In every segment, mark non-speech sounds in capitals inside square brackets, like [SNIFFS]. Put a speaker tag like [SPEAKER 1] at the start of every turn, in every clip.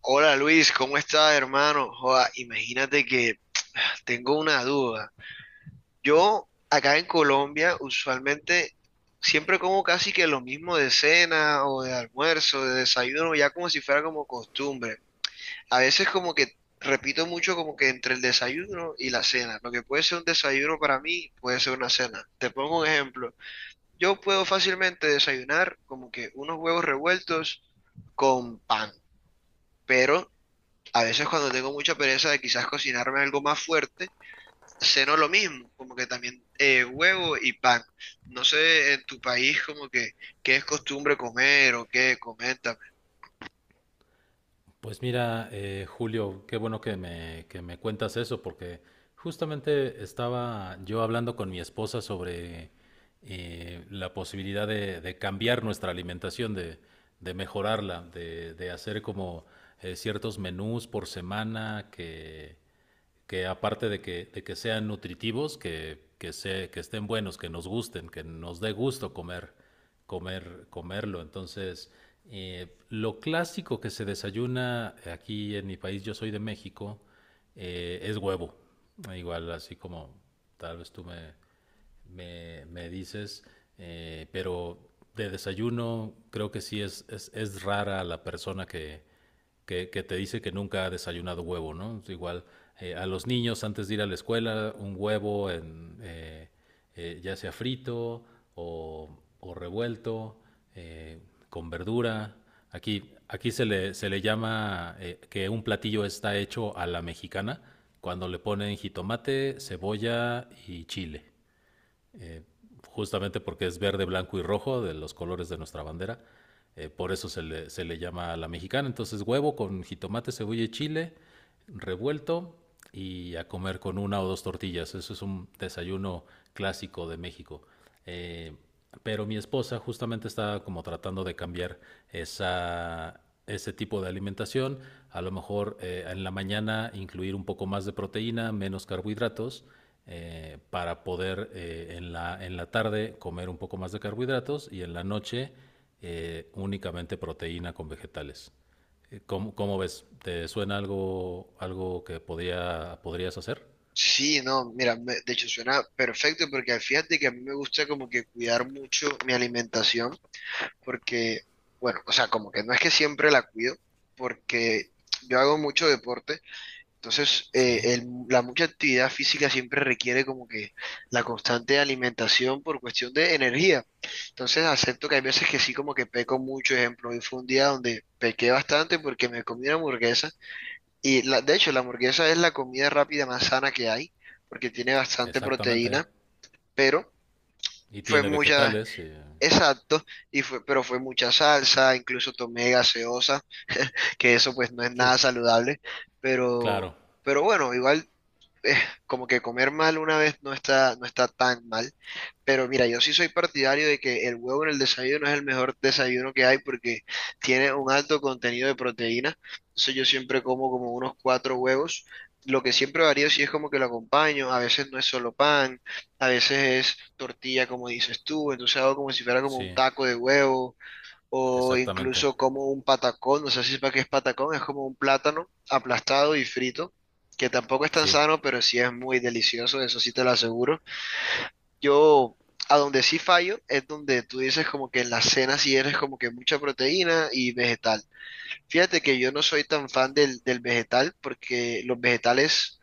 [SPEAKER 1] Hola Luis, ¿cómo estás, hermano? Joda, imagínate que [SIGHS] [TSK] tengo una duda. Yo acá en Colombia usualmente siempre como casi que lo mismo de cena o de almuerzo, de desayuno, ya como si fuera como costumbre. A veces como que repito mucho como que entre el desayuno y la cena. Lo que puede ser un desayuno para mí puede ser una cena. Te pongo un ejemplo. Yo puedo fácilmente desayunar como que unos huevos revueltos con pan. Pero a veces cuando tengo mucha pereza de quizás cocinarme algo más fuerte, ceno lo mismo, como que también huevo y pan. No sé en tu país como que qué es costumbre comer o qué, coméntame.
[SPEAKER 2] Pues mira, Julio, qué bueno que me cuentas eso, porque justamente estaba yo hablando con mi esposa sobre la posibilidad de cambiar nuestra alimentación, de mejorarla, de hacer como ciertos menús por semana que aparte de que sean nutritivos, que estén buenos, que nos gusten, que nos dé gusto comer, comerlo. Entonces, lo clásico que se desayuna aquí en mi país, yo soy de México, es huevo. Igual, así como tal vez me dices, pero de desayuno creo que es rara la persona que te dice que nunca ha desayunado huevo, ¿no? Igual a los niños antes de ir a la escuela, un huevo ya sea frito o, o revuelto, eh, con verdura. Aquí se le llama que un platillo está hecho a la mexicana cuando le ponen jitomate, cebolla y chile. Eh, Justamente porque es verde, blanco y rojo, de los colores de nuestra bandera. Por eso se le llama a la mexicana. Entonces huevo con jitomate, cebolla y chile revuelto y a comer con una o dos tortillas. Eso es un desayuno clásico de México. Eh, pero mi esposa justamente está como tratando de cambiar esa, ese tipo de alimentación. A lo mejor en la mañana incluir un poco más de proteína, menos carbohidratos. Para poder en la tarde comer un poco más de carbohidratos y en la noche únicamente proteína con vegetales. ¿Cómo, cómo ves? ¿Te suena algo, algo que podrías hacer?
[SPEAKER 1] Sí, no, mira, de hecho suena perfecto porque fíjate que a mí me gusta como que cuidar mucho mi alimentación porque, bueno, o sea, como que no es que siempre la cuido porque yo hago mucho deporte. Entonces,
[SPEAKER 2] Sí,
[SPEAKER 1] la mucha actividad física siempre requiere como que la constante alimentación por cuestión de energía. Entonces, acepto que hay veces que sí como que peco mucho. Ejemplo, hoy fue un día donde pequé bastante porque me comí una hamburguesa. Y la, de hecho, la hamburguesa es la comida rápida más sana que hay porque tiene bastante
[SPEAKER 2] exactamente.
[SPEAKER 1] proteína, pero
[SPEAKER 2] Y
[SPEAKER 1] fue
[SPEAKER 2] tiene
[SPEAKER 1] mucha,
[SPEAKER 2] vegetales. Y-
[SPEAKER 1] exacto, y fue, pero fue mucha salsa, incluso tomé gaseosa, que eso pues no es
[SPEAKER 2] Sí,
[SPEAKER 1] nada saludable, pero...
[SPEAKER 2] claro.
[SPEAKER 1] Pero bueno, igual eh, como que comer mal una vez no está, no está tan mal. Pero mira, yo sí soy partidario de que el huevo en el desayuno es el mejor desayuno que hay porque tiene un alto contenido de proteína. Entonces yo siempre como como unos cuatro huevos. Lo que siempre varía si es como que lo acompaño. A veces no es solo pan, a veces es tortilla, como dices tú. Entonces hago como si fuera como
[SPEAKER 2] Sí,
[SPEAKER 1] un taco de huevo o
[SPEAKER 2] exactamente.
[SPEAKER 1] incluso como un patacón, no sé si sepa qué es patacón, es como un plátano aplastado y frito, que tampoco es tan
[SPEAKER 2] Sí,
[SPEAKER 1] sano, pero sí es muy delicioso, eso sí te lo aseguro. Yo, a donde sí fallo, es donde tú dices como que en la cena sí eres como que mucha proteína y vegetal. Fíjate que yo no soy tan fan del vegetal, porque los vegetales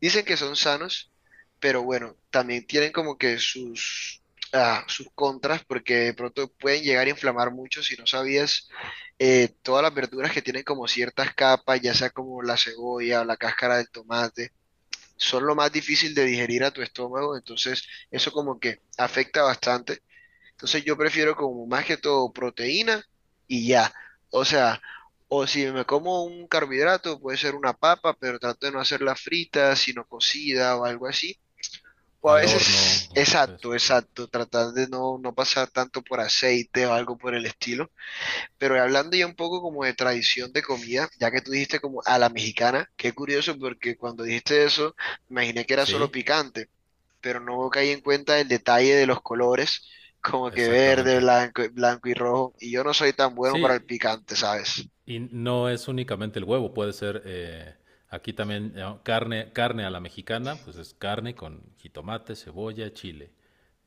[SPEAKER 1] dicen que son sanos, pero bueno, también tienen como que sus contras, porque de pronto pueden llegar a inflamar mucho si no sabías todas las verduras que tienen como ciertas capas, ya sea como la cebolla o la cáscara del tomate, son lo más difícil de digerir a tu estómago, entonces eso como que afecta bastante. Entonces yo prefiero como más que todo proteína y ya. O sea, o si me como un carbohidrato, puede ser una papa, pero trato de no hacerla frita, sino cocida o algo así. O a
[SPEAKER 2] al horno.
[SPEAKER 1] veces,
[SPEAKER 2] O que
[SPEAKER 1] exacto,
[SPEAKER 2] Sí.
[SPEAKER 1] exacto, tratar de no pasar tanto por aceite o algo por el estilo. Pero hablando ya un poco como de tradición de comida, ya que tú dijiste como a la mexicana, qué curioso porque cuando dijiste eso, me imaginé que era solo
[SPEAKER 2] Sí,
[SPEAKER 1] picante, pero no caí en cuenta el detalle de los colores, [LAUGHS] como que verde,
[SPEAKER 2] exactamente.
[SPEAKER 1] blanco y rojo, y yo no soy tan bueno para el
[SPEAKER 2] Sí,
[SPEAKER 1] picante, ¿sabes?
[SPEAKER 2] y no es únicamente el huevo, puede ser aquí también carne a la mexicana, pues es carne con jitomate, cebolla, chile.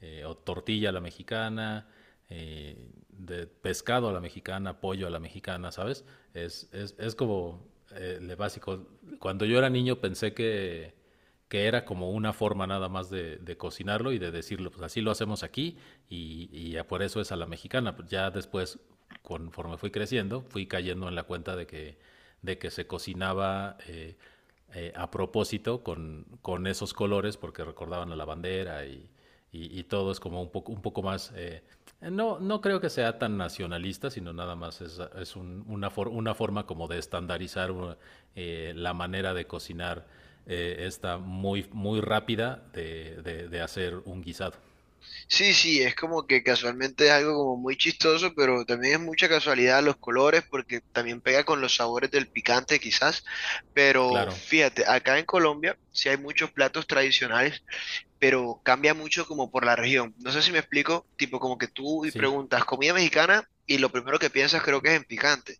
[SPEAKER 2] O tortilla a la mexicana, eh, de pescado a la mexicana, pollo a la mexicana, ¿sabes? Es como lo básico. Cuando yo era niño pensé que era como una forma nada más de cocinarlo y de decirlo, pues así lo hacemos aquí y ya por eso es a la mexicana. Ya después, conforme fui creciendo, fui cayendo en la cuenta de que se cocinaba a propósito esos colores porque recordaban a la bandera y, y todo es como un poco más... No, no creo que sea tan nacionalista, sino nada más es un, una, for, una, forma como de estandarizar la manera de cocinar esta muy, muy rápida de hacer un guisado.
[SPEAKER 1] Sí, sí, es como que casualmente es algo como muy chistoso, pero también es mucha casualidad los colores, porque también pega con los sabores del picante quizás, pero
[SPEAKER 2] Claro,
[SPEAKER 1] fíjate, acá en Colombia sí hay muchos platos tradicionales, pero cambia mucho como por la región. No sé si me explico, tipo como que tú y
[SPEAKER 2] sí,
[SPEAKER 1] preguntas comida mexicana y lo primero que piensas creo que es en picante.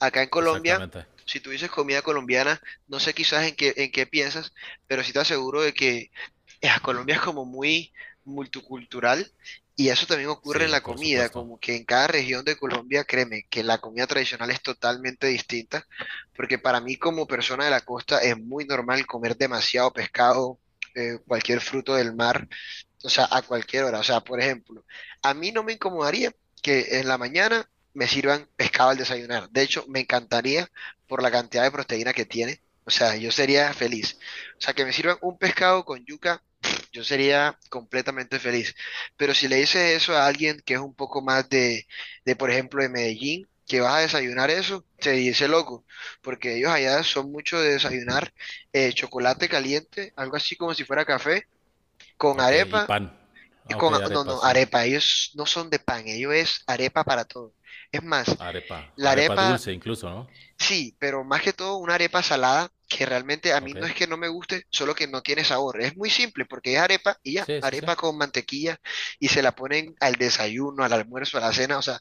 [SPEAKER 1] Acá en Colombia,
[SPEAKER 2] exactamente.
[SPEAKER 1] si tú dices comida colombiana, no sé quizás en qué piensas, pero sí te aseguro de que [LAUGHS] Colombia es como muy multicultural y eso también ocurre en
[SPEAKER 2] Sí,
[SPEAKER 1] la
[SPEAKER 2] por
[SPEAKER 1] comida,
[SPEAKER 2] supuesto.
[SPEAKER 1] como que en cada región de Colombia, créeme, que la comida tradicional es totalmente distinta, porque para mí como persona de la costa es muy normal comer demasiado pescado, cualquier fruto del mar, o sea, a cualquier hora. O sea, por ejemplo, a mí no me incomodaría que en la mañana me sirvan pescado al desayunar. De hecho, me encantaría por la cantidad de proteína que tiene. O sea, yo sería feliz. O sea, que me sirvan un pescado con yuca, [SNIFFS] yo sería completamente feliz. Pero si le dices eso a alguien que es un poco más de, por ejemplo, de Medellín, que vas a desayunar eso, se dice loco, porque ellos allá son mucho de desayunar chocolate caliente, algo así como si fuera café, con
[SPEAKER 2] Ok, y
[SPEAKER 1] arepa
[SPEAKER 2] pan.
[SPEAKER 1] y
[SPEAKER 2] Ah, ok,
[SPEAKER 1] con, no,
[SPEAKER 2] arepa,
[SPEAKER 1] no,
[SPEAKER 2] sí.
[SPEAKER 1] arepa. Ellos no son de pan, ellos es arepa para todo. Es más,
[SPEAKER 2] Arepa.
[SPEAKER 1] la
[SPEAKER 2] Arepa
[SPEAKER 1] arepa,
[SPEAKER 2] dulce incluso, ¿no?
[SPEAKER 1] sí, pero más que todo una arepa salada que realmente a mí
[SPEAKER 2] Ok.
[SPEAKER 1] no es que no me guste, solo que no tiene sabor. Es muy simple porque es arepa y ya,
[SPEAKER 2] Sí, sí, sí.
[SPEAKER 1] arepa con mantequilla y se la ponen al desayuno, al almuerzo, a la cena. O sea,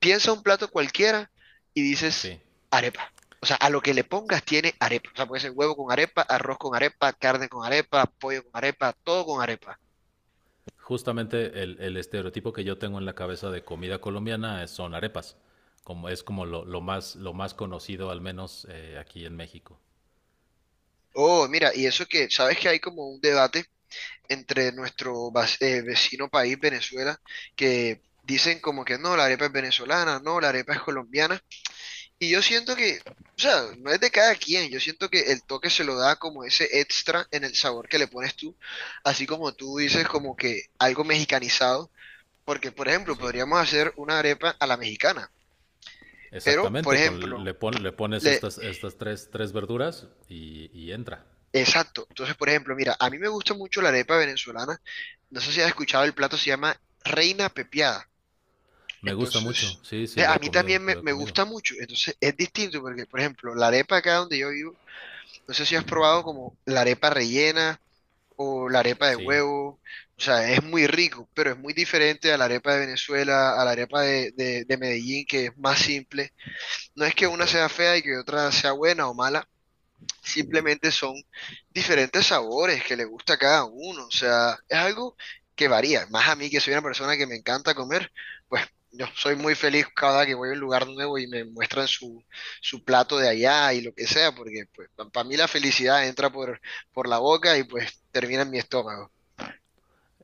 [SPEAKER 1] piensa un plato cualquiera y
[SPEAKER 2] Sí.
[SPEAKER 1] dices arepa. O sea, a lo que le pongas tiene arepa. O sea, puede ser huevo con arepa, arroz con arepa, carne con arepa, pollo con arepa, todo con arepa.
[SPEAKER 2] Justamente el estereotipo que yo tengo en la cabeza de comida colombiana es- son arepas. Como es como lo más, lo más conocido al menos, aquí en México.
[SPEAKER 1] Oh, mira, y eso que, sabes que hay como un debate entre nuestro vecino país, Venezuela, que dicen como que no, la arepa es venezolana, no, la arepa es colombiana. Y yo siento que, o sea, no es de cada quien, yo siento que el toque se lo da como ese extra en el sabor que le pones tú, así como tú dices como que algo mexicanizado, porque por ejemplo,
[SPEAKER 2] Sí.
[SPEAKER 1] podríamos hacer una arepa a la mexicana, pero por
[SPEAKER 2] Exactamente, con
[SPEAKER 1] ejemplo,
[SPEAKER 2] le pon- le pones estas tres verduras y entra.
[SPEAKER 1] exacto. Entonces, por ejemplo, mira, a mí me gusta mucho la arepa venezolana. No sé si has escuchado el plato, se llama Reina Pepiada.
[SPEAKER 2] Me gusta mucho.
[SPEAKER 1] Entonces,
[SPEAKER 2] Sí, sí lo
[SPEAKER 1] a
[SPEAKER 2] he
[SPEAKER 1] mí
[SPEAKER 2] comido,
[SPEAKER 1] también
[SPEAKER 2] lo he
[SPEAKER 1] me
[SPEAKER 2] comido.
[SPEAKER 1] gusta mucho. Entonces, es distinto porque, por ejemplo, la arepa acá donde yo vivo, no sé si has probado como la arepa rellena o la arepa de
[SPEAKER 2] Sí.
[SPEAKER 1] huevo. O sea, es muy rico, pero es muy diferente a la arepa de Venezuela, a la arepa de Medellín, que es más simple. No es que
[SPEAKER 2] Ok.
[SPEAKER 1] una sea fea y que otra sea buena o mala. Simplemente son diferentes sabores que le gusta a cada uno. O sea, es algo que varía. Más a mí que soy una persona que me encanta comer, pues yo soy muy feliz cada que voy a un lugar nuevo y me muestran su, su plato de allá y lo que sea, porque pues para mí la felicidad entra por la boca y pues termina en mi estómago.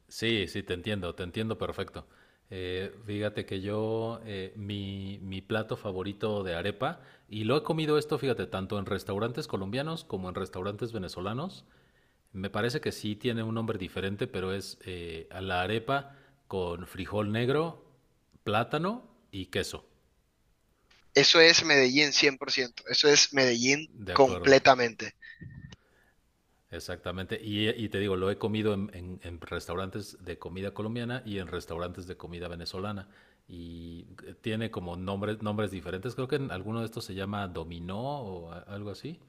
[SPEAKER 2] Sí, sí, te entiendo perfecto. Fíjate que yo, mi plato favorito de arepa, y lo he comido esto, fíjate, tanto en restaurantes colombianos como en restaurantes venezolanos, me parece que sí tiene un nombre diferente, pero es a la arepa con frijol negro, plátano y queso.
[SPEAKER 1] Eso es Medellín 100%. Eso es Medellín
[SPEAKER 2] De acuerdo.
[SPEAKER 1] completamente.
[SPEAKER 2] Exactamente. Y te digo, lo he comido en restaurantes de comida colombiana y en restaurantes de comida venezolana. Y tiene como nombres diferentes. Creo que en alguno de estos se llama dominó o a- algo así.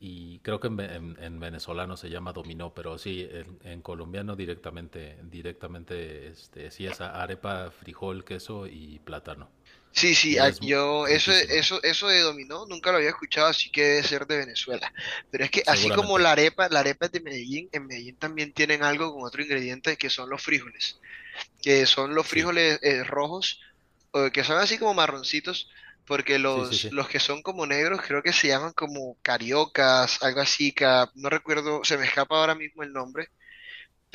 [SPEAKER 2] Y creo que en venezolano se llama dominó, pero sí, en colombiano directamente, directamente, este, sí es a- arepa, frijol, queso y plátano.
[SPEAKER 1] Sí, sí,
[SPEAKER 2] Y es
[SPEAKER 1] yo eso,
[SPEAKER 2] riquísima,
[SPEAKER 1] eso de dominó nunca lo había escuchado, así que debe ser de Venezuela. Pero es que así como
[SPEAKER 2] seguramente.
[SPEAKER 1] la arepa es de Medellín, en Medellín también tienen algo con otro ingrediente que son los frijoles, que son los
[SPEAKER 2] Sí,
[SPEAKER 1] frijoles rojos, o que son así como marroncitos, porque
[SPEAKER 2] sí, sí, sí.
[SPEAKER 1] los que son como negros creo que se llaman como cariocas, algo así, no recuerdo, se me escapa ahora mismo el nombre,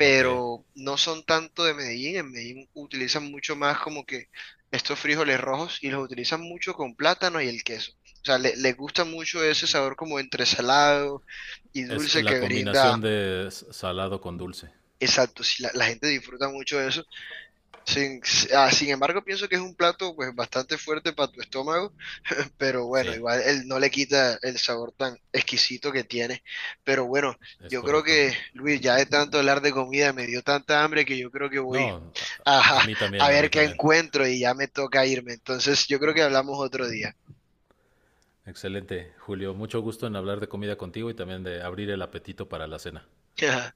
[SPEAKER 2] Ok.
[SPEAKER 1] no son tanto de Medellín. En Medellín utilizan mucho más como que estos frijoles rojos y los utilizan mucho con plátano y el queso. O sea, les gusta mucho ese sabor como entre salado y
[SPEAKER 2] Es
[SPEAKER 1] dulce
[SPEAKER 2] la
[SPEAKER 1] que brinda.
[SPEAKER 2] combinación de s- salado con dulce.
[SPEAKER 1] Exacto, sí, la gente disfruta mucho de eso. Sin, Sin embargo, pienso que es un plato pues bastante fuerte para tu estómago, [LAUGHS] pero bueno,
[SPEAKER 2] Sí,
[SPEAKER 1] igual él no le quita el sabor tan exquisito que tiene. Pero bueno,
[SPEAKER 2] es
[SPEAKER 1] yo creo
[SPEAKER 2] correcto.
[SPEAKER 1] que, Luis, ya de tanto hablar de comida me dio tanta hambre que yo creo que voy,
[SPEAKER 2] No, a
[SPEAKER 1] ajá,
[SPEAKER 2] mí
[SPEAKER 1] a
[SPEAKER 2] también, a mí
[SPEAKER 1] ver qué
[SPEAKER 2] también.
[SPEAKER 1] encuentro y ya me toca irme. Entonces, yo creo que hablamos otro día.
[SPEAKER 2] Excelente, Julio. Mucho gusto en hablar de comida contigo y también de abrir el apetito para la cena.
[SPEAKER 1] [LAUGHS]